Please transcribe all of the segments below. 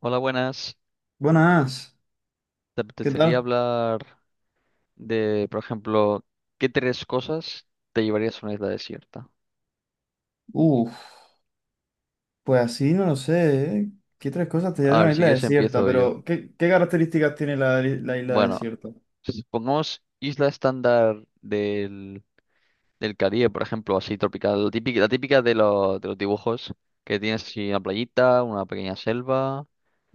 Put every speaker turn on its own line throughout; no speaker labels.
Hola, buenas.
Buenas,
¿Te
¿qué
apetecería
tal?
hablar de, por ejemplo, qué tres cosas te llevarías a una isla desierta?
Uf, pues así no lo sé, ¿eh? ¿Qué tres cosas te
A
llevan a
ver,
una
si
isla
quieres
desierta?
empiezo yo.
Pero, ¿qué características tiene la isla
Bueno,
desierta?
pongamos isla estándar del Caribe, por ejemplo, así tropical, la típica de, de los dibujos, que tienes así una playita, una pequeña selva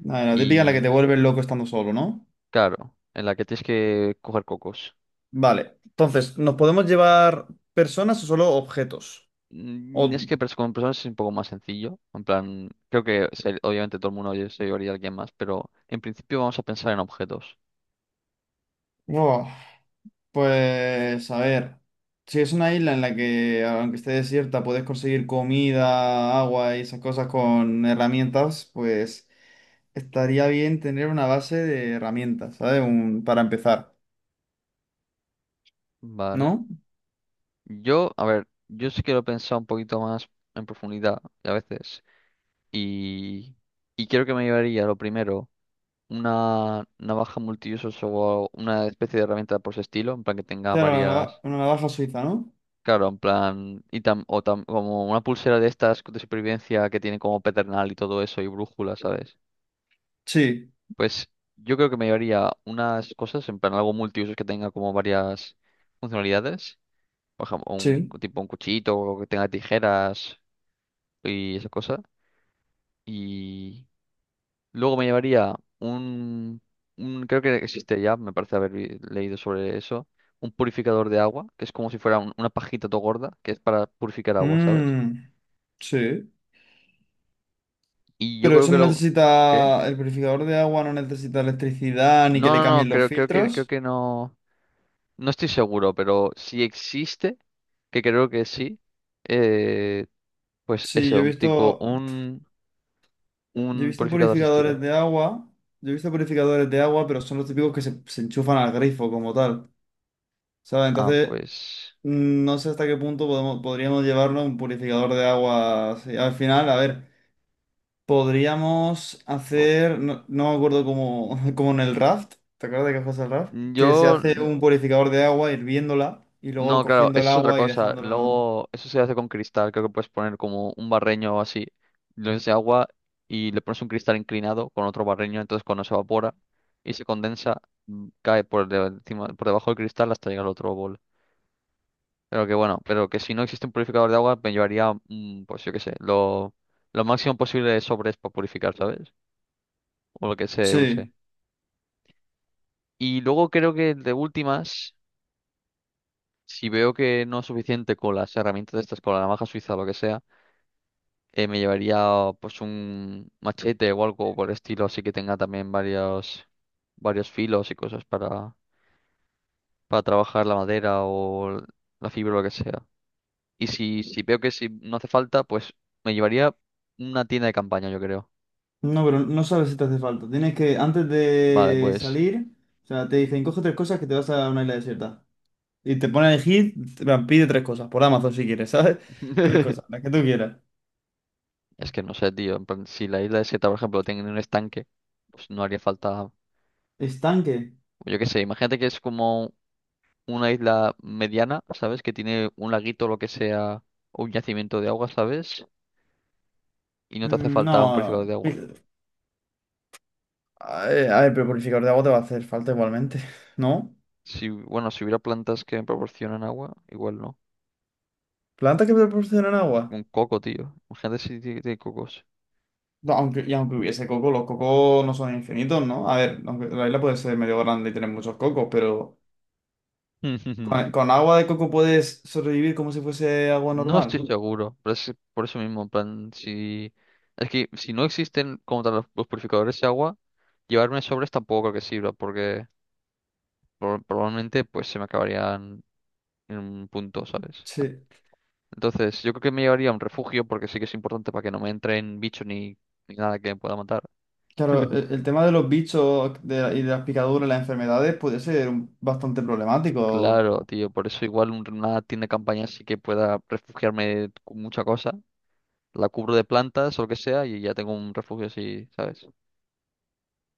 A ver, la típica en la que te
y,
vuelves loco estando solo, ¿no?
claro, en la que tienes que coger cocos.
Vale, entonces, ¿nos podemos llevar personas o solo objetos? O-
Es que con personas es un poco más sencillo. En plan, creo que obviamente todo el mundo se llevaría a alguien más, pero en principio vamos a pensar en objetos.
Oh, pues, a ver, si es una isla en la que, aunque esté desierta, puedes conseguir comida, agua y esas cosas con herramientas, pues estaría bien tener una base de herramientas, ¿sabes? Para empezar,
Vale.
¿no?
Yo, a ver, yo sí quiero pensar un poquito más en profundidad a veces. Y, y quiero que me llevaría lo primero, una navaja multiusos o una especie de herramienta por ese estilo, en plan que tenga
Claro, una, nava-
varias.
una navaja suiza, ¿no?
Claro, en plan, y como una pulsera de estas de supervivencia que tiene como pedernal y todo eso y brújula, ¿sabes?
Sí,
Pues yo creo que me llevaría unas cosas, en plan algo multiusos que tenga como varias funcionalidades. Por ejemplo, un
sí.
tipo un cuchillito o que tenga tijeras y esa cosa. Y luego me llevaría un, creo que existe ya, me parece haber leído sobre eso, un purificador de agua, que es como si fuera una pajita todo gorda, que es para purificar agua, ¿sabes?
Mm, sí.
Y yo
Pero
creo
eso
que
no
lo... ¿Qué?
necesita, el purificador de agua no necesita electricidad ni que
No,
le
no, no,
cambien los
creo
filtros.
que no. No estoy seguro, pero si existe, que creo que sí, eh, pues
Sí,
eso, un tipo,
yo he
un
visto
purificador de
purificadores
estilo.
de agua, yo he visto purificadores de agua, pero son los típicos que se enchufan al grifo como tal, ¿sabes?
Ah,
Entonces,
pues.
no sé hasta qué punto podríamos llevarlo un purificador de agua así. Al final, a ver. Podríamos
o-
hacer, no, no me acuerdo cómo, como en el raft, ¿te acuerdas de que fue el raft? Que se
Yo.
hace
l-
un purificador de agua hirviéndola y luego
No, claro,
cogiendo el
eso es otra
agua y
cosa.
dejándola.
Luego, eso se hace con cristal. Creo que puedes poner como un barreño o así, lo llenas de agua y le pones un cristal inclinado con otro barreño. Entonces, cuando se evapora y se condensa, cae por, encima, por debajo del cristal hasta llegar al otro bol. Pero que bueno, pero que si no existe un purificador de agua, me llevaría, pues yo qué sé, lo máximo posible de sobres para purificar, ¿sabes? O lo que se use.
Sí,
Y luego creo que de últimas, si veo que no es suficiente con las herramientas estas, con la navaja suiza o lo que sea, me llevaría pues un machete o algo por el estilo, así que tenga también varios, varios filos y cosas para trabajar la madera o la fibra o lo que sea. Y si, si veo que si no hace falta, pues me llevaría una tienda de campaña, yo creo.
no, pero no sabes si te hace falta. Tienes que, antes
Vale,
de
pues.
salir, o sea, te dicen, coge tres cosas que te vas a una isla desierta. Y te pone a elegir, en plan, pide tres cosas, por Amazon si quieres, ¿sabes? Tres cosas, las que tú quieras.
Es que no sé, tío. En plan, si la isla desierta, por ejemplo, tiene un estanque, pues no haría falta.
¿Estanque?
Yo qué sé, imagínate que es como una isla mediana, ¿sabes? Que tiene un laguito o lo que sea, o un yacimiento de agua, ¿sabes? Y no te hace
Mm,
falta un purificador
no.
de agua.
Ay, ay, pero purificador de agua te va a hacer falta igualmente, ¿no?
Si, bueno, si hubiera plantas que me proporcionan agua, igual no.
Plantas que proporcionan agua.
Un coco, tío. Imagínate si tiene cocos.
No, aunque, y aunque hubiese coco, los cocos no son infinitos, ¿no? A ver, aunque la isla puede ser medio grande y tener muchos cocos, pero con agua de coco puedes sobrevivir como si fuese agua
No
normal.
estoy seguro, pero es por eso mismo, en plan, si... Es que si no existen como tal los purificadores de agua, llevarme sobres tampoco creo que sirva, porque probablemente pues se me acabarían en un punto, ¿sabes?
Sí.
Entonces, yo creo que me llevaría a un refugio, porque sí que es importante para que no me entren bichos ni, ni nada que me pueda matar.
Claro, el tema de los bichos y de las picaduras, las enfermedades, puede ser bastante problemático.
Claro, tío, por eso igual una tienda de campaña sí que pueda refugiarme con mucha cosa. La cubro de plantas o lo que sea y ya tengo un refugio así, ¿sabes?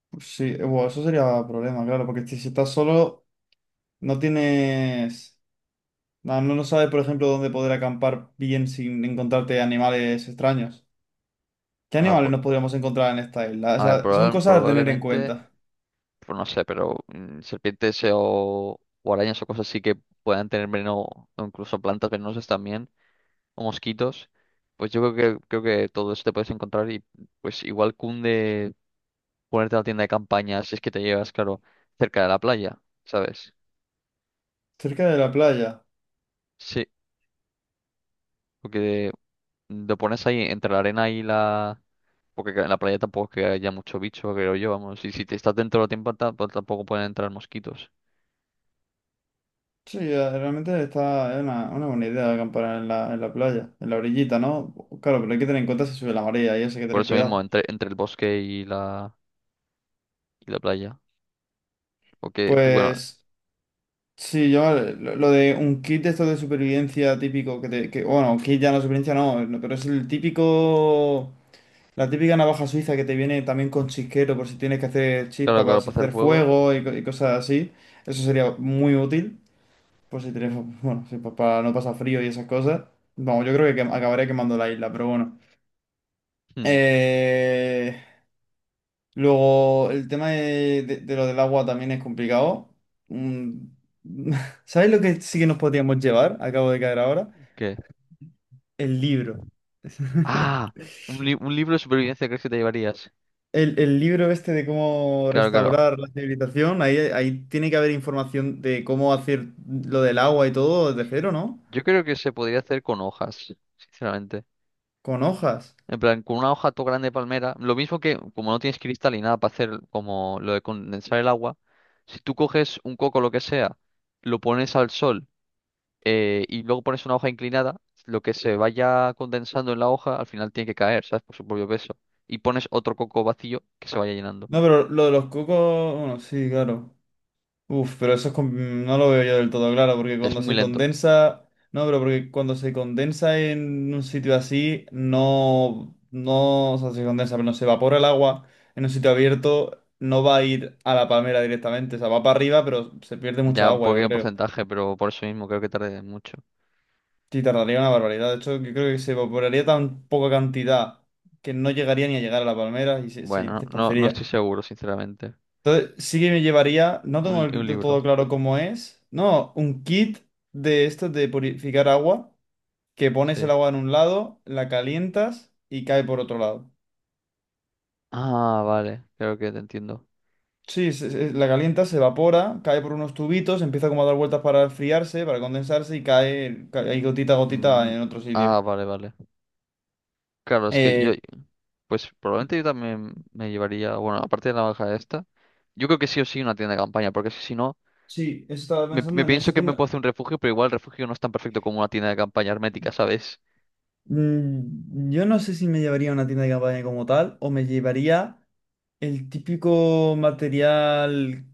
Pues sí, bueno, eso sería problema, claro, porque si estás solo, no tienes. No, no no sabes, por ejemplo, dónde poder acampar bien sin encontrarte animales extraños. ¿Qué animales nos podríamos encontrar en esta isla? O
A ver,
sea, son cosas a tener en
probablemente,
cuenta.
pues no sé, pero serpientes o arañas o cosas así que puedan tener veneno, o incluso plantas venenosas también, o mosquitos, pues yo creo que todo eso te puedes encontrar y pues igual cunde ponerte a la tienda de campaña si es que te llevas, claro, cerca de la playa, ¿sabes?
Cerca de la playa.
Sí, porque lo pones ahí entre la arena y la... Porque en la playa tampoco es que haya mucho bicho, creo yo, vamos, y si te estás dentro de la tienda tampoco pueden entrar mosquitos.
Sí, realmente está es una buena idea acampar en la playa, en la orillita, ¿no? Claro, pero hay que tener en cuenta si sube la marea y eso hay que
Por
tener
eso mismo,
cuidado.
entre, entre el bosque y la playa. Porque tú, bueno,
Pues sí, yo lo de un kit de esto de supervivencia típico que, bueno, kit ya no supervivencia no, no, pero es el típico, la típica navaja suiza que te viene también con chisquero por si tienes que hacer
claro,
chispa para
claro, para hacer
hacer
fuego.
fuego y cosas así. Eso sería muy útil. Pues si tienes, bueno, si para no pasar frío y esas cosas, vamos, yo creo que acabaré quemando la isla, pero bueno.
hmm,
Eh, Luego, el tema de lo del agua también es complicado. Mm, ¿Sabes lo que sí que nos podríamos llevar? Acabo de caer ahora.
¿Qué?
El libro.
Ah, un, un libro de supervivencia crees que te llevarías.
El libro este de cómo
Claro, claro.
restaurar la civilización, ahí tiene que haber información de cómo hacer lo del agua y todo desde cero, ¿no?
Yo creo que se podría hacer con hojas, sinceramente.
Con hojas.
En plan, con una hoja todo grande de palmera. Lo mismo que, como no tienes cristal ni nada para hacer como lo de condensar el agua, si tú coges un coco, lo que sea, lo pones al sol y luego pones una hoja inclinada, lo que se vaya condensando en la hoja al final tiene que caer, ¿sabes? Por su propio peso. Y pones otro coco vacío que se vaya llenando.
No, pero lo de los cocos, bueno, sí, claro. Uf, pero eso es no lo veo yo del todo claro, porque
Es
cuando
muy
se
lento.
condensa, no, pero porque cuando se condensa en un sitio así, no, no, o sea, se condensa, pero no se evapora el agua en un sitio abierto, no va a ir a la palmera directamente, o sea, va para arriba, pero se pierde mucha
Ya un
agua, yo
poquito de
creo.
porcentaje, pero por eso mismo creo que tardé mucho.
Sí, tardaría una barbaridad. De hecho, yo creo que se evaporaría tan poca cantidad que no llegaría ni a llegar a la palmera y se
Bueno, no, no, no estoy
dispersaría.
seguro, sinceramente.
Entonces, sí que me llevaría, no
Un,
tengo
un
de todo
libro,
claro cómo es, no, un kit de estos de purificar agua, que pones el
sí.
agua en un lado, la calientas y cae por otro lado.
Ah, vale, creo que te entiendo.
Sí, la calientas, se evapora, cae por unos tubitos, empieza como a dar vueltas para enfriarse, para condensarse y cae, cae ahí gotita a gotita
Mm,
en otro sitio.
ah, vale, vale. Claro, es que yo,
Eh,
pues probablemente yo también me llevaría, bueno, aparte de la hoja esta, yo creo que sí o sí una tienda de campaña, porque es que si no...
sí, eso estaba
Me
pensando en
pienso
eso,
que
que
me
no-
puedo hacer un refugio, pero igual el refugio no es tan perfecto como una tienda de campaña hermética, ¿sabes?
Yo no sé si me llevaría a una tienda de campaña como tal o me llevaría. El típico material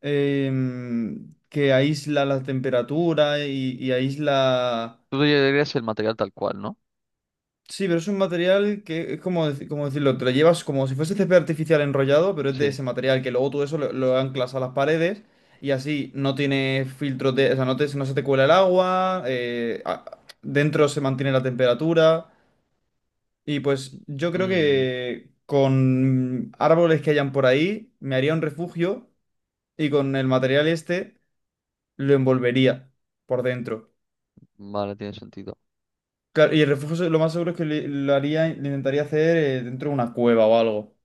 que aísla la temperatura y aísla.
Tú te llevarías el material tal cual, ¿no?
Sí, pero es un material que es como decirlo, te lo llevas como si fuese césped artificial enrollado, pero es de
Sí.
ese material que luego tú eso lo anclas a las paredes y así no tiene filtros de. O sea, no, no se te cuela el agua, dentro se mantiene la temperatura y pues yo creo
Mm,
que con árboles que hayan por ahí me haría un refugio y con el material este lo envolvería por dentro.
vale, tiene sentido.
Claro, y el refugio lo más seguro es que lo haría, lo intentaría hacer dentro de una cueva o algo.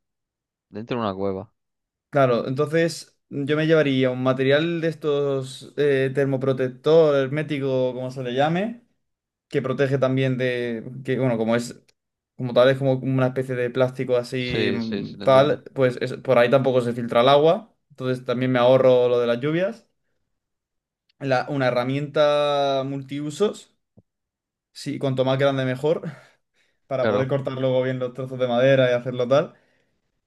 Dentro de una cueva.
Claro, entonces yo me llevaría un material de estos termoprotector, hermético, como se le llame, que protege también de, que bueno, como es, como tal, es como una especie de plástico así
Sí, sí, sí, lo
tal,
entiendo.
pues por ahí tampoco se filtra el agua, entonces también me ahorro lo de las lluvias. Una herramienta multiusos. Sí, cuanto más grande mejor, para poder
Claro.
cortar luego bien los trozos de madera y hacerlo tal.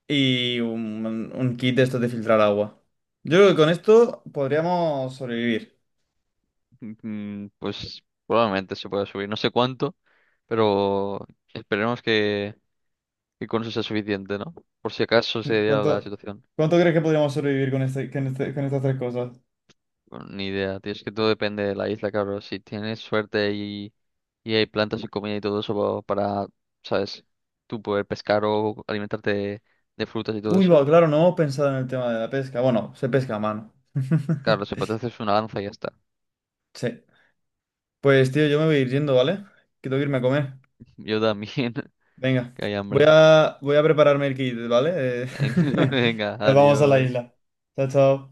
Y un kit de estos de filtrar agua. Yo creo que con esto podríamos sobrevivir.
Pues probablemente se pueda subir. No sé cuánto, pero esperemos que con eso sea suficiente, ¿no? Por si acaso
Sí,
se diera la
¿Cuánto,
situación.
cuánto crees que podríamos sobrevivir con estas tres cosas?
Ni idea, tío, es que todo depende de la isla, claro. Si tienes suerte y hay plantas y comida y todo eso para, ¿sabes? Tú poder pescar o alimentarte de frutas y todo
Uy, va,
eso.
claro, no hemos pensado en el tema de la pesca. Bueno, se pesca a mano.
Claro, se puede hacer una lanza y ya está.
Sí. Pues tío, yo me voy a ir yendo, ¿vale? Que tengo que irme a comer.
Yo también,
Venga.
que hay
Voy
hambre.
a, voy a prepararme el kit, ¿vale? Eh,
Venga,
Nos vamos a la
adiós.
isla. Chao, chao.